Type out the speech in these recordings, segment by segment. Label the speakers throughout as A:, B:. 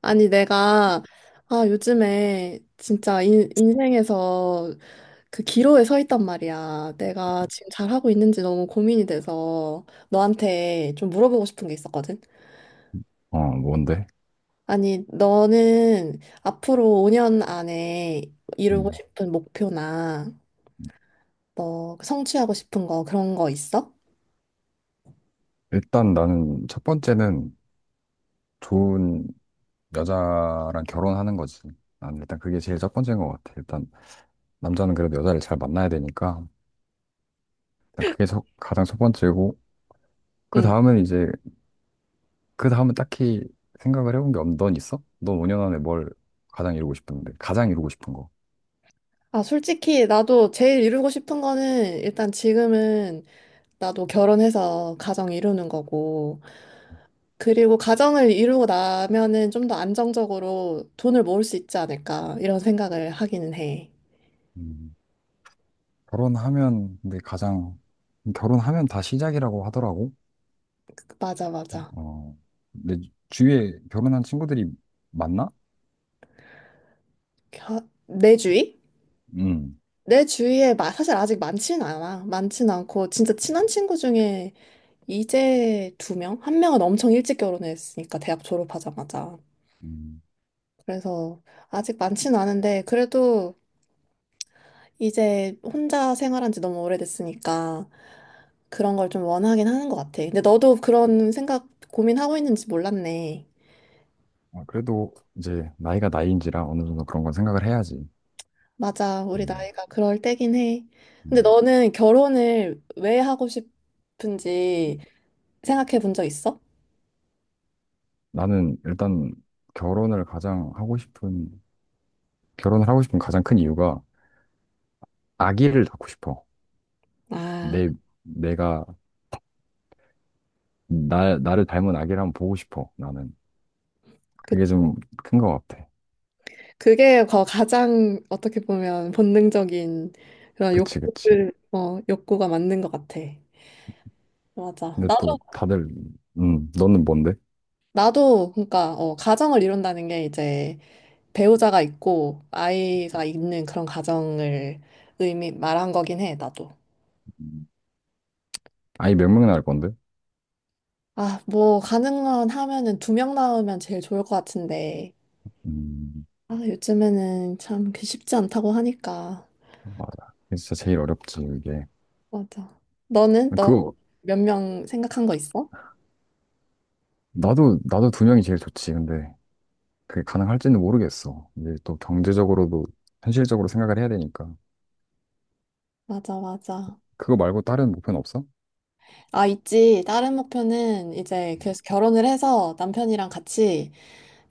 A: 아니, 내가, 아, 요즘에 진짜 인생에서 그 기로에 서 있단 말이야. 내가 지금 잘하고 있는지 너무 고민이 돼서 너한테 좀 물어보고 싶은 게 있었거든.
B: 어, 뭔데?
A: 아니, 너는 앞으로 5년 안에 이루고
B: 음.
A: 싶은 목표나 뭐 성취하고 싶은 거 그런 거 있어?
B: 일단 나는 첫 번째는 좋은 여자랑 결혼하는 거지. 난 일단 그게 제일 첫 번째인 것 같아. 일단 남자는 그래도 여자를 잘 만나야 되니까 일단 그게 가장 첫 번째고 그
A: 응.
B: 다음은 이제 그 다음은 딱히 생각을 해본 게 없는 넌 있어? 넌 5년 안에 뭘 가장 이루고 싶은 거.
A: 아, 솔직히 나도 제일 이루고 싶은 거는 일단 지금은 나도 결혼해서 가정 이루는 거고, 그리고 가정을 이루고 나면은 좀 더 안정적으로 돈을 모을 수 있지 않을까 이런 생각을 하기는 해.
B: 음. 결혼하면 근데 가장 결혼하면 다 시작이라고 하더라고.
A: 맞아, 맞아.
B: 어, 내 주위에 결혼한 친구들이 많나?
A: 겨- 내 주위?
B: 음.
A: 내 주위에 사실 아직 많지는 않아. 많지는 않고 진짜 친한 친구 중에 이제 두 명? 한 명은 엄청 일찍 결혼했으니까 대학 졸업하자마자.
B: 음.
A: 그래서 아직 많지는 않은데 그래도 이제 혼자 생활한 지 너무 오래됐으니까 그런 걸 좀 원하긴 하는 것 같아. 근데 너도 그런 생각 고민하고 있는지 몰랐네.
B: 아, 그래도 이제 나이가 나이인지라 어느 정도 그런 건 생각을 해야지.
A: 맞아. 우리
B: 음,
A: 나이가 그럴 때긴 해. 근데
B: 음.
A: 너는 결혼을 왜 하고 싶은지 생각해 본 적 있어?
B: 나는 일단 결혼을 가장 하고 싶은, 결혼을 하고 싶은 가장 큰 이유가 아기를 낳고 싶어.
A: 아,
B: 내, 내가, 나를 닮은 아기를 한번 보고 싶어, 나는.
A: 그,
B: 그게 좀 큰 것 같아.
A: 그게 가장 어떻게 보면 본능적인 그런
B: 그치, 그치.
A: 욕구가 맞는 것 같아. 맞아.
B: 근데 또
A: 나도,
B: 다들, 너는 뭔데?
A: 나도, 그러니까, 가정을 이룬다는 게 이제 배우자가 있고 아이가 있는 그런 가정을 말한 거긴 해, 나도.
B: 음, 아이 몇 명 낳을 건데?
A: 아, 뭐, 가능한 하면은 두 명 낳으면 제일 좋을 것 같은데.
B: 음,
A: 아, 요즘에는 참 그 쉽지 않다고 하니까.
B: 맞아. 그게 진짜 제일 어렵지, 이게.
A: 맞아. 너는? 너
B: 그거,
A: 몇 명 생각한 거 있어?
B: 나도 두 명이 제일 좋지, 근데. 그게 가능할지는 모르겠어. 이제 또 경제적으로도 현실적으로 생각을 해야 되니까.
A: 맞아, 맞아.
B: 그거 말고 다른 목표는 없어?
A: 아, 있지. 다른 목표는 이제 그래서 결혼을 해서 남편이랑 같이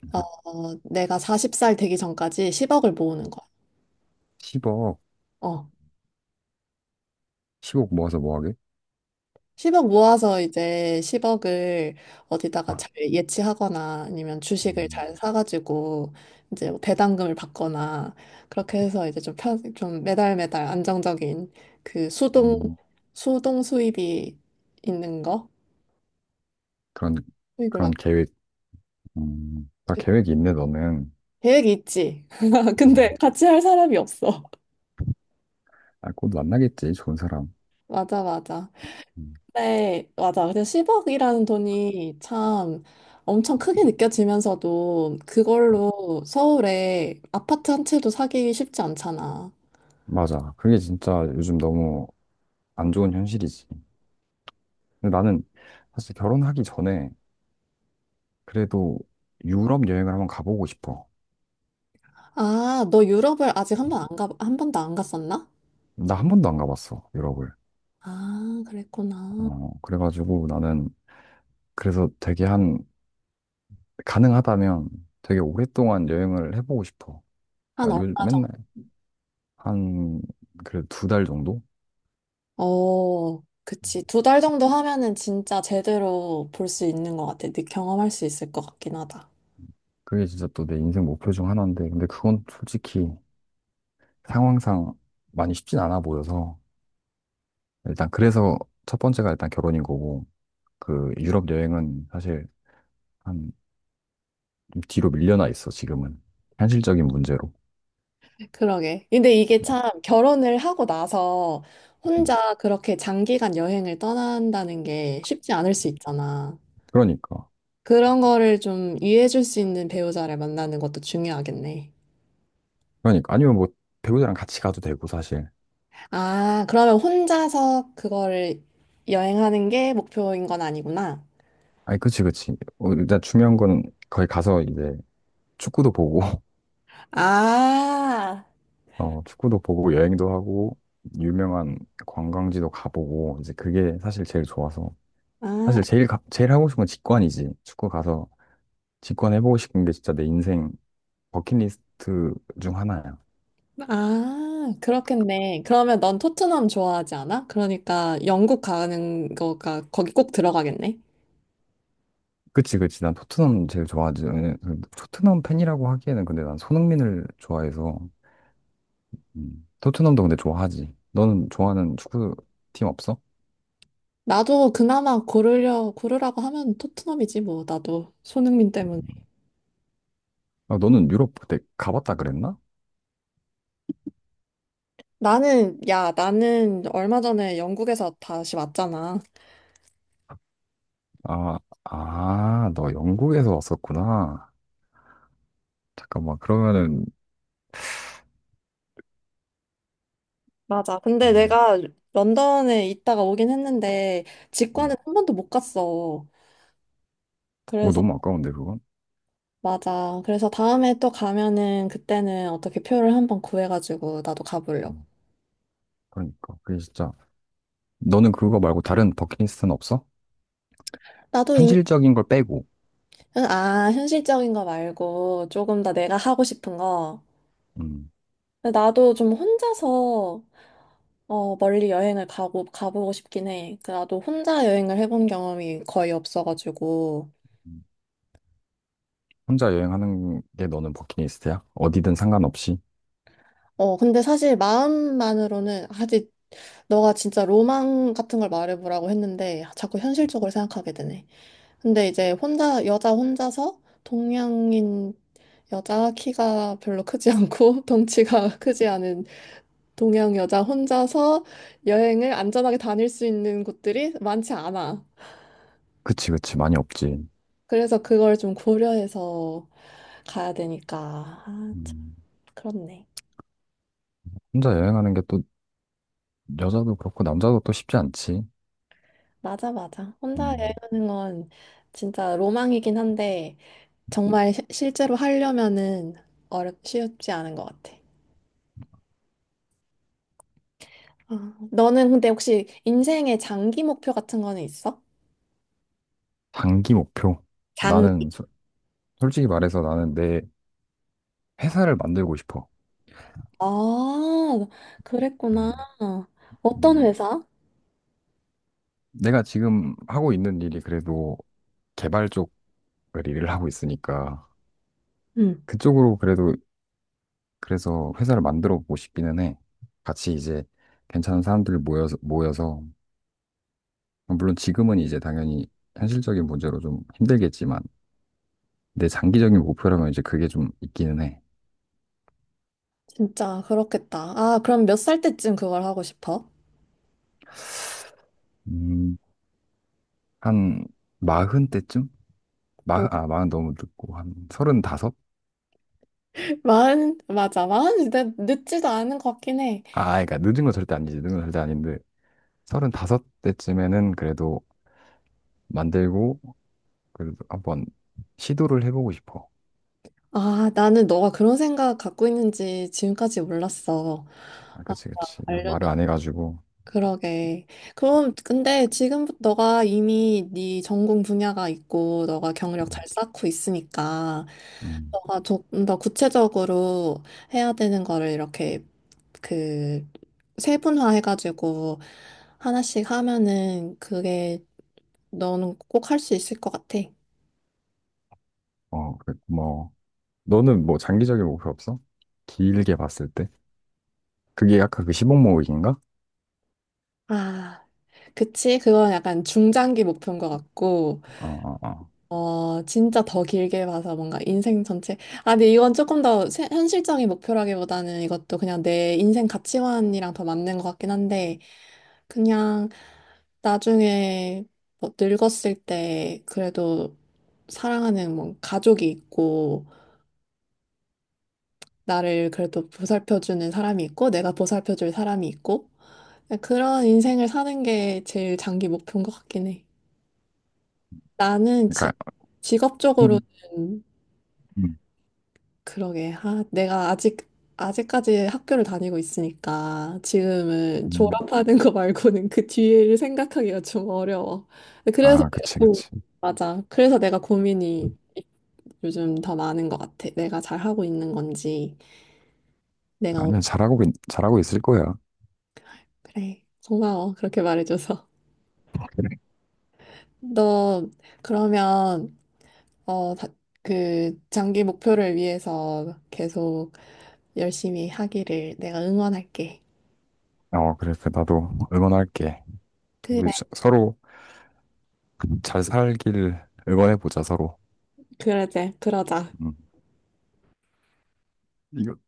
A: 어, 내가 40살 되기 전까지 10억을 모으는 거야.
B: 10억,
A: 어.
B: 10억 모아서 뭐 하게?
A: 10억 모아서 이제 10억을 어디다가
B: 아,
A: 잘 예치하거나 아니면 주식을
B: 음,
A: 잘 사가지고 이제 뭐 배당금을 받거나 그렇게 해서 이제 좀 좀 매달 매달 안정적인 그 수동,
B: 음,
A: 수동 수입이 있는 거?
B: 그런,
A: 수입을
B: 그런
A: 만
B: 계획, 다
A: 그
B: 계획이 있네, 너는.
A: 계획이 있지. 근데
B: 음,
A: 같이 할 사람이 없어.
B: 아, 곧 만나겠지, 좋은 사람.
A: 맞아, 맞아.
B: 음,
A: 네, 맞아. 근데 10억이라는 돈이 참 엄청 크게 느껴지면서도 그걸로 서울에 아파트 한 채도 사기 쉽지 않잖아.
B: 맞아. 그게 진짜 요즘 너무 안 좋은 현실이지. 근데 나는 사실 결혼하기 전에 그래도 유럽 여행을 한번 가보고 싶어.
A: 아, 너 유럽을 아직 한 번도 안 갔었나?
B: 나 한 번도 안 가봤어, 유럽을.
A: 아, 그랬구나.
B: 어, 그래가지고 나는 그래서 가능하다면 되게 오랫동안 여행을 해보고 싶어.
A: 한 얼마
B: 그러니까
A: 정도?
B: 한, 그래도 2달 정도?
A: 어, 그치. 두 달 정도 하면은 진짜 제대로 볼 수 있는 것 같아. 네, 경험할 수 있을 것 같긴 하다.
B: 그게 진짜 또 내 인생 목표 중 하나인데, 근데 그건 솔직히 상황상 많이 쉽진 않아 보여서, 일단 그래서 첫 번째가 일단 결혼인 거고, 그 유럽 여행은 사실 한좀 뒤로 밀려나 있어, 지금은. 현실적인 문제로.
A: 그러게. 근데 이게 참 결혼을 하고 나서
B: 음.
A: 혼자 그렇게 장기간 여행을 떠난다는 게 쉽지 않을 수 있잖아.
B: 그러니까.
A: 그런 거를 좀 이해해줄 수 있는 배우자를 만나는 것도 중요하겠네.
B: 그러니까. 아니면 뭐 배우자랑 같이 가도 되고, 사실.
A: 아, 그러면 혼자서 그거를 여행하는 게 목표인 건 아니구나.
B: 아니, 그치, 그치. 어, 일단 중요한 건 거기 가서 이제 축구도 보고,
A: 아,
B: 어, 축구도 보고 여행도 하고, 유명한 관광지도 가보고, 이제 그게 사실 제일 좋아서.
A: 아,
B: 제일 하고 싶은 건 직관이지. 축구 가서 직관해보고 싶은 게 진짜 내 인생 버킷리스트 중 하나야.
A: 아, 그렇겠네. 그러면 넌 토트넘 좋아하지 않아? 그러니까 영국 가는 거가 거기 꼭 들어가겠네.
B: 그치, 그치. 난 토트넘 제일 좋아하지. 왜냐면 토트넘 팬이라고 하기에는 근데 난 손흥민을 좋아해서, 토트넘도 근데 좋아하지. 너는 좋아하는 축구팀 없어?
A: 나도 그나마 고르라고 하면 토트넘이지, 뭐, 나도. 손흥민 때문에.
B: 아, 너는 유럽 그때 가봤다 그랬나?
A: 나는, 야, 나는 얼마 전에 영국에서 다시 왔잖아.
B: 아, 아, 너 영국에서 왔었구나. 잠깐만, 그러면은,
A: 맞아. 근데
B: 음,
A: 내가 런던에 있다가 오긴 했는데, 직관은
B: 음.
A: 한 번도 못 갔어.
B: 어,
A: 그래서,
B: 너무 아까운데, 그건?
A: 맞아. 그래서 다음에 또 가면은, 그때는 어떻게 표를 한번 구해가지고, 나도 가보려고.
B: 음, 그러니까. 그게 진짜, 너는 그거 말고 다른 버킷리스트는 없어?
A: 나도.
B: 현실적인 걸 빼고,
A: 아, 현실적인 거 말고, 조금 더 내가 하고 싶은 거.
B: 음,
A: 근데 나도 좀 혼자서 어, 멀리 여행을 가고, 가보고 싶긴 해. 그 나도 혼자 여행을 해본 경험이 거의 없어가지고.
B: 음. 혼자 여행하는 게 너는 버킷리스트야? 어디든 상관없이?
A: 어, 근데 사실 마음만으로는 아직 너가 진짜 로망 같은 걸 말해보라고 했는데 자꾸 현실적으로 생각하게 되네. 근데 이제 혼자, 여자 혼자서 동양인 여자 키가 별로 크지 않고 덩치가 크지 않은 동양 여자 혼자서 여행을 안전하게 다닐 수 있는 곳들이 많지 않아.
B: 그치, 그치, 많이 없지.
A: 그래서 그걸 좀 고려해서 가야 되니까. 아, 참,
B: 음,
A: 그렇네.
B: 혼자 여행하는 게 또, 여자도 그렇고, 남자도 또 쉽지 않지.
A: 맞아, 맞아. 혼자
B: 음,
A: 여행하는 건 진짜 로망이긴 한데, 정말 실제로 하려면은 쉽지 않은 것 같아. 아, 너는 근데 혹시 인생의 장기 목표 같은 거는 있어?
B: 장기 목표.
A: 장,
B: 나는, 소- 솔직히 말해서 나는 내 회사를 만들고 싶어.
A: 아, 그랬구나.
B: 음,
A: 어떤
B: 음.
A: 회사?
B: 내가 지금 하고 있는 일이 그래도 개발 쪽을 일을 하고 있으니까
A: 응.
B: 그쪽으로 그래도 그래서 회사를 만들어 보고 싶기는 해. 같이 이제 괜찮은 사람들 모여서 물론 지금은 이제 당연히 현실적인 문제로 좀 힘들겠지만 내 장기적인 목표라면 이제 그게 좀 있기는 해.
A: 진짜 그렇겠다. 아, 그럼 몇 살 때쯤 그걸 하고 싶어?
B: 음, 한 40 때쯤? 40 너무 늦고 한 35?
A: 마흔, 맞아. 마흔이 늦지도 않은 것 같긴 해.
B: 아, 그러니까 늦은 건 절대 아니지. 늦은 건 절대 아닌데 35 때쯤에는 그래도 만들고 그래도 한번 시도를 해보고 싶어.
A: 아, 나는 너가 그런 생각 갖고 있는지 지금까지 몰랐어.
B: 아,
A: 아,
B: 그치, 그치. 나 말을
A: 알려줘.
B: 안 해가지고.
A: 그러게. 그럼, 근데 지금 너가 이미 네 전공 분야가 있고, 너가 경력
B: 음,
A: 잘 쌓고 있으니까,
B: 음.
A: 너가 조금 더 구체적으로 해야 되는 거를 이렇게 그 세분화해가지고 하나씩 하면은 그게 너는 꼭 할 수 있을 것 같아.
B: 어, 그래, 고마워. 너는 뭐 장기적인 목표 없어? 길게 봤을 때? 그게 약간 그시0억 모으기인가?
A: 아, 그치. 그건 약간 중장기 목표인 것 같고,
B: 어, 어, 어.
A: 어, 진짜 더 길게 봐서 뭔가 인생 전체. 아, 근데 이건 조금 더 현실적인 목표라기보다는 이것도 그냥 내 인생 가치관이랑 더 맞는 것 같긴 한데, 그냥 나중에 뭐 늙었을 때 그래도 사랑하는 뭐 가족이 있고, 나를 그래도 보살펴주는 사람이 있고, 내가 보살펴줄 사람이 있고, 그런 인생을 사는 게 제일 장기 목표인 것 같긴 해. 나는 지,
B: 그러니까,
A: 직업적으로는
B: 음, 음,
A: 그러게. 아, 아직까지 학교를 다니고 있으니까 지금은
B: 음.
A: 졸업하는 거 말고는 그 뒤를 생각하기가 좀 어려워. 그래서
B: 아,
A: 내가
B: 그치,
A: 고,
B: 그치.
A: 맞아. 그래서 내가 고민이 요즘 더 많은 것 같아. 내가 잘하고 있는 건지, 내가, 오-
B: 아니야, 잘하고 있을 거야.
A: 그래. 고마워. 그렇게 말해줘서.
B: 그래.
A: 너, 그러면, 어, 다- 그, 장기 목표를 위해서 계속 열심히 하기를 내가 응원할게.
B: 어, 그래. 그래, 나도 응원할게. 우리
A: 그래,
B: 서로 잘 살길 응원해보자, 서로.
A: 그러자, 그러자.
B: 음.